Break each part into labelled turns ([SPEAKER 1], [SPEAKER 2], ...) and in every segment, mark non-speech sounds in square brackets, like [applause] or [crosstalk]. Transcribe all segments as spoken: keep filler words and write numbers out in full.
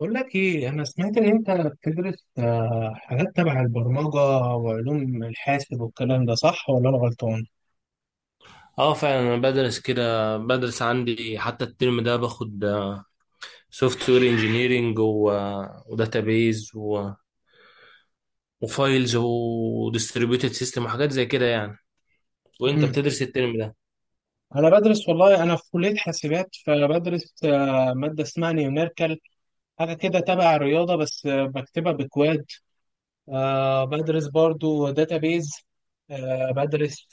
[SPEAKER 1] بقول لك ايه، انا سمعت ان انت بتدرس آه، حاجات تبع البرمجه وعلوم الحاسب والكلام، ده صح ولا انا غلطان؟
[SPEAKER 2] اه فعلا انا بدرس كده بدرس عندي حتى الترم ده باخد سوفت وير انجينيرنج وداتابيز وفايلز وديستريبيوتد سيستم وحاجات زي كده يعني. وانت
[SPEAKER 1] امم
[SPEAKER 2] بتدرس الترم ده؟
[SPEAKER 1] انا بدرس، والله انا في كليه حاسبات، فبدرس آه، ماده اسمها نيوميركال، حاجه كده تبع الرياضه، بس آه، بكتبها بكواد. آه، بدرس برضو داتابيز. آه، بدرس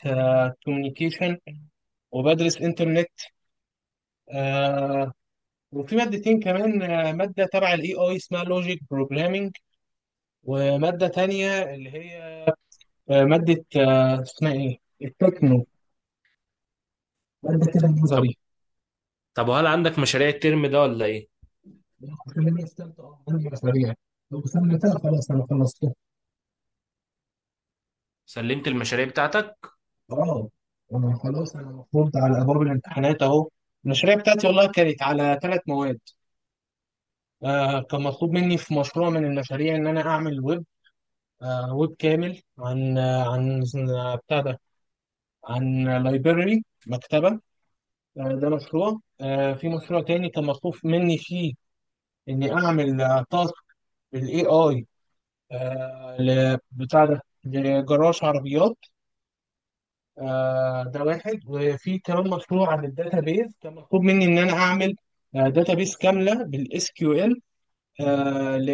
[SPEAKER 1] كوميونيكيشن، وبدرس انترنت. آه، وفي مادتين كمان، آه، ماده تبع الاي اي اسمها لوجيك بروجرامينج، وماده تانية اللي هي آه، مادة آه، اسمها إيه؟ التكنو، مادة كده
[SPEAKER 2] طب
[SPEAKER 1] نظري.
[SPEAKER 2] طب وهل عندك مشاريع الترم ده ولا ايه؟
[SPEAKER 1] خلينا في تالتة. أه عندي مشاريع، لو سلمتها خلاص أنا خلصت.
[SPEAKER 2] سلمت المشاريع بتاعتك؟
[SPEAKER 1] أه. أنا خلاص، أنا المفروض على أبواب الامتحانات أهو. المشاريع بتاعتي والله كانت على ثلاث مواد. آه كان مطلوب مني في مشروع من المشاريع إن أنا أعمل ويب، آه ويب كامل عن آه عن آه، بتاع ده عن لايبرري، مكتبة. آه ده مشروع. آه في مشروع تاني كان مطلوب مني فيه إني أعمل آه، تاسك بالاي اي، آه، ل- بتاع ده لجراج عربيات، آه، ده واحد. وفي كمان مشروع عن الداتا بيز كان مطلوب مني ان انا اعمل داتا بيز كامله بالاس كيو ال، آه، ل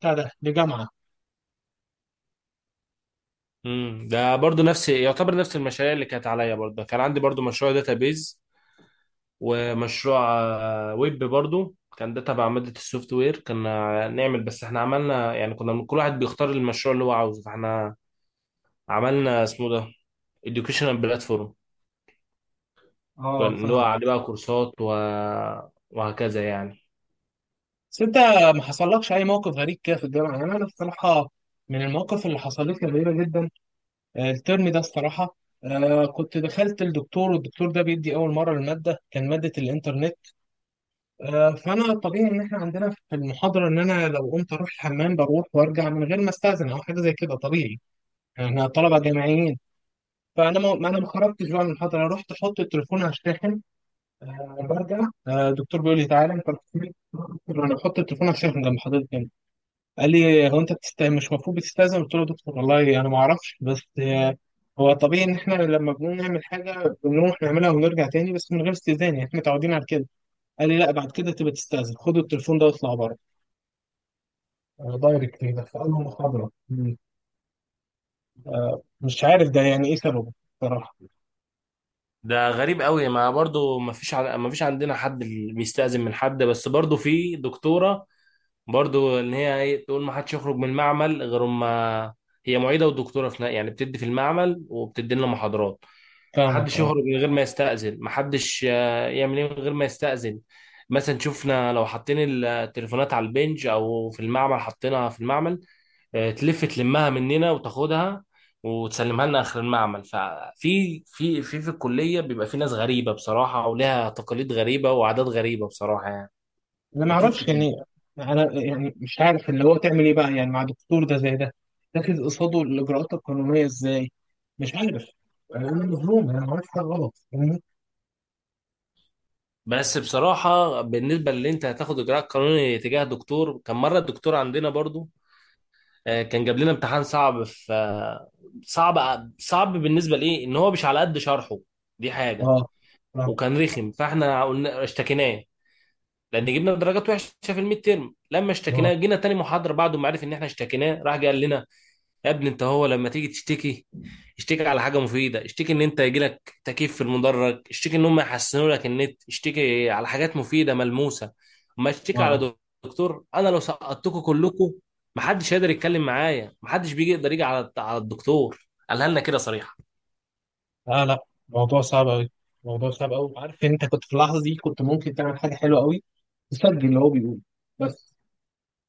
[SPEAKER 1] بتاع ده لجامعه.
[SPEAKER 2] امم ده برضو نفس يعتبر نفس المشاريع اللي كانت عليا برضه، كان عندي برضو مشروع داتابيز ومشروع آه، ويب برضو، كان ده تبع مادة السوفت وير كنا نعمل، بس احنا عملنا يعني كنا كل واحد بيختار المشروع اللي هو عاوزه، فاحنا عملنا اسمه ده educational platform، كان
[SPEAKER 1] اه،
[SPEAKER 2] اللي هو
[SPEAKER 1] فاهم.
[SPEAKER 2] عليه بقى كورسات و... وهكذا يعني.
[SPEAKER 1] بس انت ما حصلكش اي موقف غريب كده في الجامعه؟ يعني انا الصراحه من المواقف اللي حصلت لي غريبه جدا، آه، الترم ده الصراحه، آه، كنت دخلت الدكتور، والدكتور ده بيدي اول مره، الماده كان ماده الانترنت. آه، فانا طبيعي ان احنا عندنا في المحاضره، ان انا لو قمت اروح الحمام بروح وارجع من غير ما استاذن او حاجه زي كده، طبيعي يعني، احنا طلبه جامعيين. فانا ما ما انا ما خرجتش بقى من المحاضره، رحت احط التليفون هشتحن آه، برجع. آه، الدكتور بيقول لي تعالى انت رحت فين؟ قلت له انا بحط التليفون هشتحن جنب حضرتك هنا. قال لي هو انت بتست... مش المفروض بتستاذن؟ قلت له يا دكتور والله انا ما اعرفش، بس آه، هو طبيعي ان احنا لما بنقوم نعمل حاجه بنروح نعملها ونرجع تاني بس من غير استئذان، يعني احنا متعودين على كده. قال لي لا، بعد كده تبقى تستاذن، خد التليفون ده واطلع بره. آه، دايركت كده في أول محاضرة. مم. مش عارف ده يعني إيه سببه، بصراحة.
[SPEAKER 2] ده غريب قوي، ما برضو ما فيش ع... ما فيش عندنا حد اللي بيستأذن من حد، بس برضو في دكتورة برضو ان هي ايه تقول ما حدش يخرج من المعمل غير ما، هي معيده ودكتوره في نا- يعني بتدي في المعمل وبتدي لنا محاضرات، ما
[SPEAKER 1] فاهمك.
[SPEAKER 2] حدش
[SPEAKER 1] أه.
[SPEAKER 2] يخرج من غير ما يستأذن، ما حدش آه، يعمل ايه من غير ما يستأذن. مثلا شفنا لو حاطين التليفونات على البنج او في المعمل حاطينها في المعمل، آه، تلف تلمها مننا وتاخدها وتسلمها لنا اخر المعمل. ففي في في في الكليه بيبقى في ناس غريبه بصراحه، ولها تقاليد غريبه وعادات غريبه بصراحه يعني.
[SPEAKER 1] أنا ما
[SPEAKER 2] هتشوف
[SPEAKER 1] أعرفش
[SPEAKER 2] كتير.
[SPEAKER 1] يعني. أنا يعني مش عارف اللي هو تعمل إيه بقى يعني، مع دكتور ده زي ده تاخد قصاده الإجراءات القانونية إزاي؟ مش عارف. أنا مظلوم، أنا عملت حاجة غلط؟ فاهمني.
[SPEAKER 2] بس بصراحة بالنسبة للي انت هتاخد اجراء قانوني تجاه دكتور، كان مرة الدكتور عندنا برضو آه، كان جاب لنا امتحان صعب في آه، صعب صعب بالنسبة لإيه، ان هو مش على قد شرحه، دي حاجة.
[SPEAKER 1] أه. أه.
[SPEAKER 2] وكان رخم، فاحنا قلنا اشتكيناه لان جبنا درجات وحشة في الميد تيرم. لما اشتكيناه،
[SPEAKER 1] اه.
[SPEAKER 2] جينا تاني محاضرة بعد ما عرف ان احنا اشتكيناه، راح جه قال لنا يا ابني انت هو لما تيجي تشتكي اشتكي على حاجه مفيده، اشتكي ان انت يجيلك تكييف في المدرج، اشتكي ان هم يحسنوا لك النت، اشتكي على حاجات مفيده ملموسه، ما اشتكي
[SPEAKER 1] اه.
[SPEAKER 2] على دكتور. انا لو سقطتكم كلكم، محدش هيقدر يتكلم معايا، محدش بيجي يقدر يجي على على الدكتور، قالها لنا كده صريحه.
[SPEAKER 1] لا لا، موضوع صعب قوي، موضوع صعب قوي. عارف إن انت كنت في اللحظه دي كنت ممكن تعمل حاجه حلوه قوي، تسجل اللي هو بيقوله، بس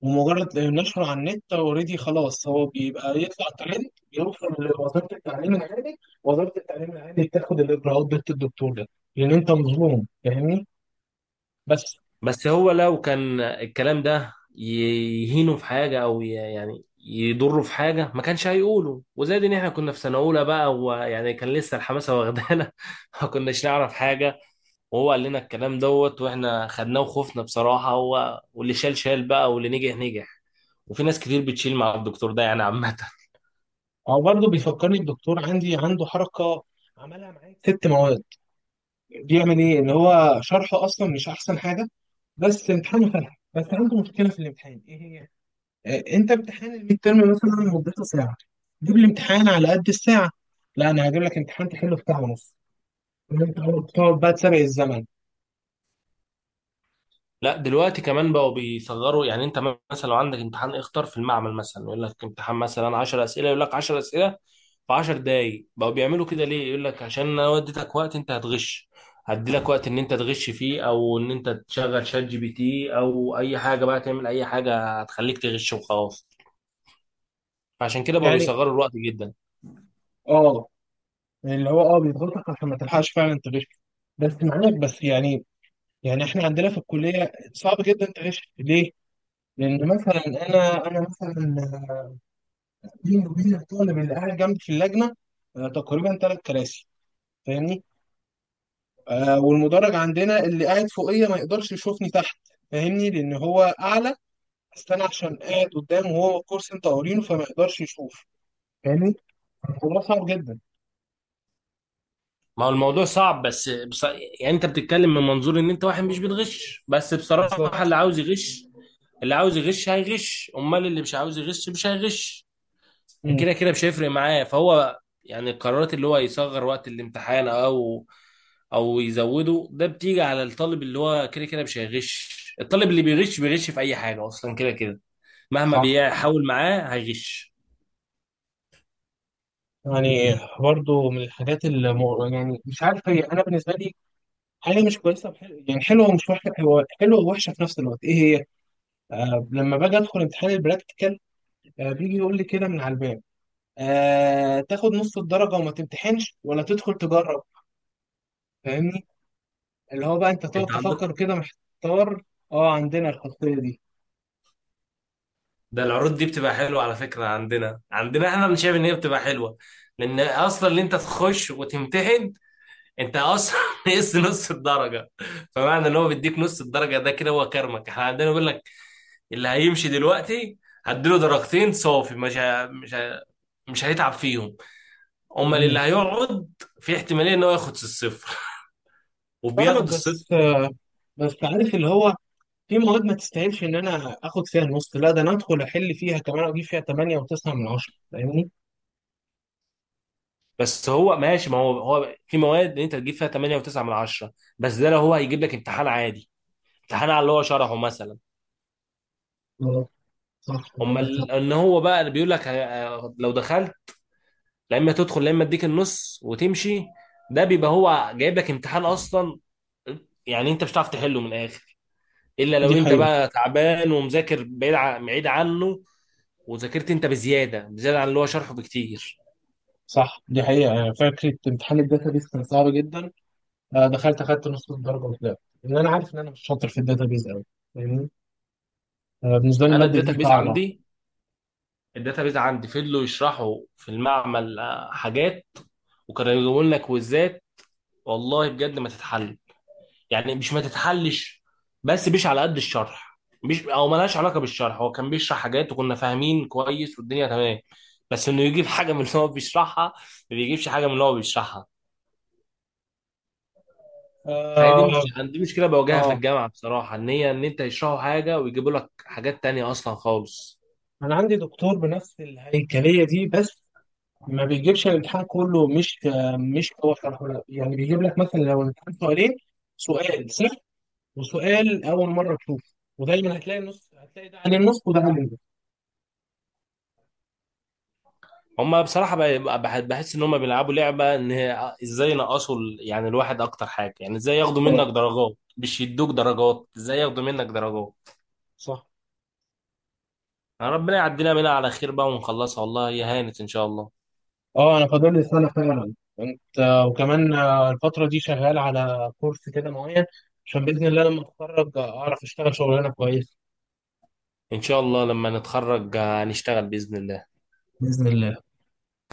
[SPEAKER 1] ومجرد نشره على النت اوريدي، خلاص هو بيبقى يطلع ترند، بيوصل لوزاره التعليم العالي، وزاره التعليم العالي بتاخد الاجراءات ضد الدكتور ده، لان انت مظلوم، فاهمني. بس.
[SPEAKER 2] بس هو لو كان الكلام ده يهينه في حاجه او ي- يعني يضره في حاجه ما كانش هيقوله. وزاد ان احنا كنا في سنه اولى بقى، ويعني كان لسه الحماسه واخدانا [laughs] ما كناش نعرف حاجه، وهو قال لنا الكلام دوت واحنا خدناه وخفنا بصراحة. هو واللي شال شال بقى واللي نجح نجح، وفي ناس كتير بتشيل مع الدكتور ده يعني عامة. [laughs]
[SPEAKER 1] او برضه بيفكرني الدكتور عندي، عنده حركه عملها معايا في ست مواد، بيعمل ايه ان هو شرحه اصلا مش احسن حاجه، بس امتحانه فلح، بس عنده مشكله في الامتحان، ايه هي؟ آه، انت امتحان الميد ترم مثلا مدته ساعه، جيب لي امتحان على قد الساعه، لا انا هجيب لك امتحان تحله في ساعه ونص، إن أنت بتقعد بقى تسابق الزمن.
[SPEAKER 2] لا دلوقتي كمان بقوا بيصغروا يعني. انت مثلا لو عندك امتحان اختار في المعمل، مثلا يقول لك امتحان مثلا عشرة اسئلة، يقول لك عشرة اسئلة في عشر دقايق. بقوا بيعملوا كده ليه؟ يقول لك عشان انا وديتك وقت انت هتغش، هدي لك وقت ان انت تغش فيه، او ان انت تشغل شات جي بي تي او اي حاجة بقى، تعمل اي حاجة هتخليك تغش وخلاص. فعشان كده بقوا
[SPEAKER 1] يعني.
[SPEAKER 2] بيصغروا الوقت جدا.
[SPEAKER 1] اه. يعني اللي هو اه بيضغطك عشان ما تلحقش فعلا تغش، بس معاك بس يعني. يعني احنا عندنا في الكليه صعب جدا تغش، ليه؟ لان مثلا انا انا مثلا، بيني وبين الطالب اللي قاعد جنبي في اللجنه آه، تقريبا ثلاث كراسي، فاهمني؟ آه والمدرج عندنا اللي قاعد فوقيه ما يقدرش يشوفني تحت، فاهمني؟ لان هو اعلى، بس انا عشان قاعد قدامه وهو الكرسي انت قارينه، فما يقدرش يشوف، فاهمني؟ الموضوع صعب جدا.
[SPEAKER 2] ما هو الموضوع صعب، بس بص... يعني انت بتتكلم من منظور ان انت واحد مش بتغش، بس بصراحة اللي
[SPEAKER 1] بالظبط.
[SPEAKER 2] عاوز يغش، اللي عاوز يغش هيغش، امال اللي مش عاوز يغش مش هيغش، كده كده مش هيفرق معاه. فهو يعني القرارات اللي هو يصغر وقت الامتحان او او يزوده، ده بتيجي على الطالب اللي هو كده كده مش هيغش. الطالب اللي بيغش بيغش في اي حاجة اصلا، كده كده مهما
[SPEAKER 1] صح.
[SPEAKER 2] بيحاول معاه هيغش.
[SPEAKER 1] يعني برضو من الحاجات اللي مو- يعني مش عارف هي، انا بالنسبه لي حاجه مش كويسه وحل- يعني حلوه ومش وحشه، هو حلوه ووحشه في نفس الوقت، ايه هي؟ آه لما باجي ادخل امتحان البراكتيكال، آه بيجي يقول لي كده من على الباب، آه تاخد نص الدرجه وما تمتحنش ولا تدخل تجرب، فاهمني. اللي هو بقى انت تقعد
[SPEAKER 2] انت عندك
[SPEAKER 1] تفكر كده محتار. اه، عندنا الخاصيه دي.
[SPEAKER 2] ده العروض دي بتبقى حلوة على فكرة. عندنا عندنا احنا مش شايف ان هي بتبقى حلوة، لان اصلا اللي انت تخش وتمتحن، انت اصلا [laughs] نقص نص الدرجة، فمعنى ان هو بيديك نص الدرجة ده كده هو كرمك. احنا عندنا بيقول لك اللي هيمشي دلوقتي هديله درجتين صافي، مش ه... مش ه... مش هيتعب فيهم. امال اللي
[SPEAKER 1] مم.
[SPEAKER 2] هيقعد، في احتمالية ان هو ياخد الصفر [laughs] وبياخد
[SPEAKER 1] فاهمك، بس
[SPEAKER 2] الصفر.
[SPEAKER 1] آه بس عارف اللي هو في مواد ما تستاهلش ان انا اخد فيها النص، لا ده انا ادخل احل فيها كمان واجيب فيها ثمانية و9 من عشرة، فاهمني؟
[SPEAKER 2] بس هو ماشي، ما هو هو في مواد انت تجيب فيها تمانية و9 من عشرة، بس ده لو هو هيجيب لك امتحان عادي، امتحان على اللي هو شرحه مثلا.
[SPEAKER 1] اه صح،
[SPEAKER 2] هم
[SPEAKER 1] عندك
[SPEAKER 2] ال-
[SPEAKER 1] حق.
[SPEAKER 2] ان هو بقى اللي بيقول لك ه- لو دخلت، لا اما تدخل لا اما اديك النص وتمشي، ده بيبقى هو جايب لك امتحان اصلا يعني انت مش هتعرف تحله من الاخر، الا لو
[SPEAKER 1] دي
[SPEAKER 2] انت
[SPEAKER 1] حقيقة.
[SPEAKER 2] بقى تعبان ومذاكر بعيد ع- بعيد عنه وذاكرت انت بزياده بزياده عن اللي هو شرحه بكتير.
[SPEAKER 1] صح، دي حقيقة. يعني فكرة امتحان الداتابيز كان صعب جدا، آه، دخلت أخدت نص الدرجة وطلعت، لأن أنا عارف إن أنا مش شاطر في الداتابيز أوي، فاهمني. آه، بالنسبة لي
[SPEAKER 2] انا
[SPEAKER 1] المادة دي
[SPEAKER 2] الداتابيز
[SPEAKER 1] صعبة.
[SPEAKER 2] عندي الداتابيز عندي فضلوا يشرحوا في المعمل آه، حاجات وكانوا يجيبوا لنا كويزات، والله بجد ما تتحل، يعني مش ما تتحلش بس مش على قد الشرح، مش او ملهاش علاقه بالشرح. هو كان بيشرح حاجات وكنا فاهمين كويس والدنيا تمام، بس انه يجيب [laughs] حاجه من اللي هو بيشرحها، ما بيجيبش حاجه من اللي هو بيشرحها. فهي دي
[SPEAKER 1] آه.
[SPEAKER 2] مش دي مشكله بواجهها في
[SPEAKER 1] آه.
[SPEAKER 2] الجامعه بصراحه، ان هي ان انت يشرحوا حاجه ويجيبوا لك حاجات تانية اصلا خالص.
[SPEAKER 1] أنا عندي دكتور بنفس الهيكلية دي، بس ما بيجيبش الامتحان كله، مش آه، مش هو شرحه، لا يعني بيجيب لك مثلا لو الامتحان سؤالين، سؤال، وسؤال اول مره تشوفه، ودايما هتلاقي النص هتلاقي، ده عن النص وده عن النص.
[SPEAKER 2] هما بصراحه ب- بح- بحس ان هما بيلعبوا لعبه ان هي ازاي ينقصوا ال- يعني الواحد اكتر حاجه، يعني ازاي ياخدوا منك
[SPEAKER 1] اه
[SPEAKER 2] درجات مش يدوك درجات، ازاي ياخدوا منك درجات.
[SPEAKER 1] صح.
[SPEAKER 2] ربنا يعدينا منها على خير بقى ونخلصها، والله هي هانت ان شاء الله.
[SPEAKER 1] اه، انا فاضل لي سنه فعلا. انت. وكمان آه، الفتره دي شغال على كورس كده معين، عشان باذن الله لما اتخرج اعرف اشتغل شغلانه كويسه.
[SPEAKER 2] ان شاء الله لما نتخرج آه، هنشتغل باذن الله.
[SPEAKER 1] باذن الله.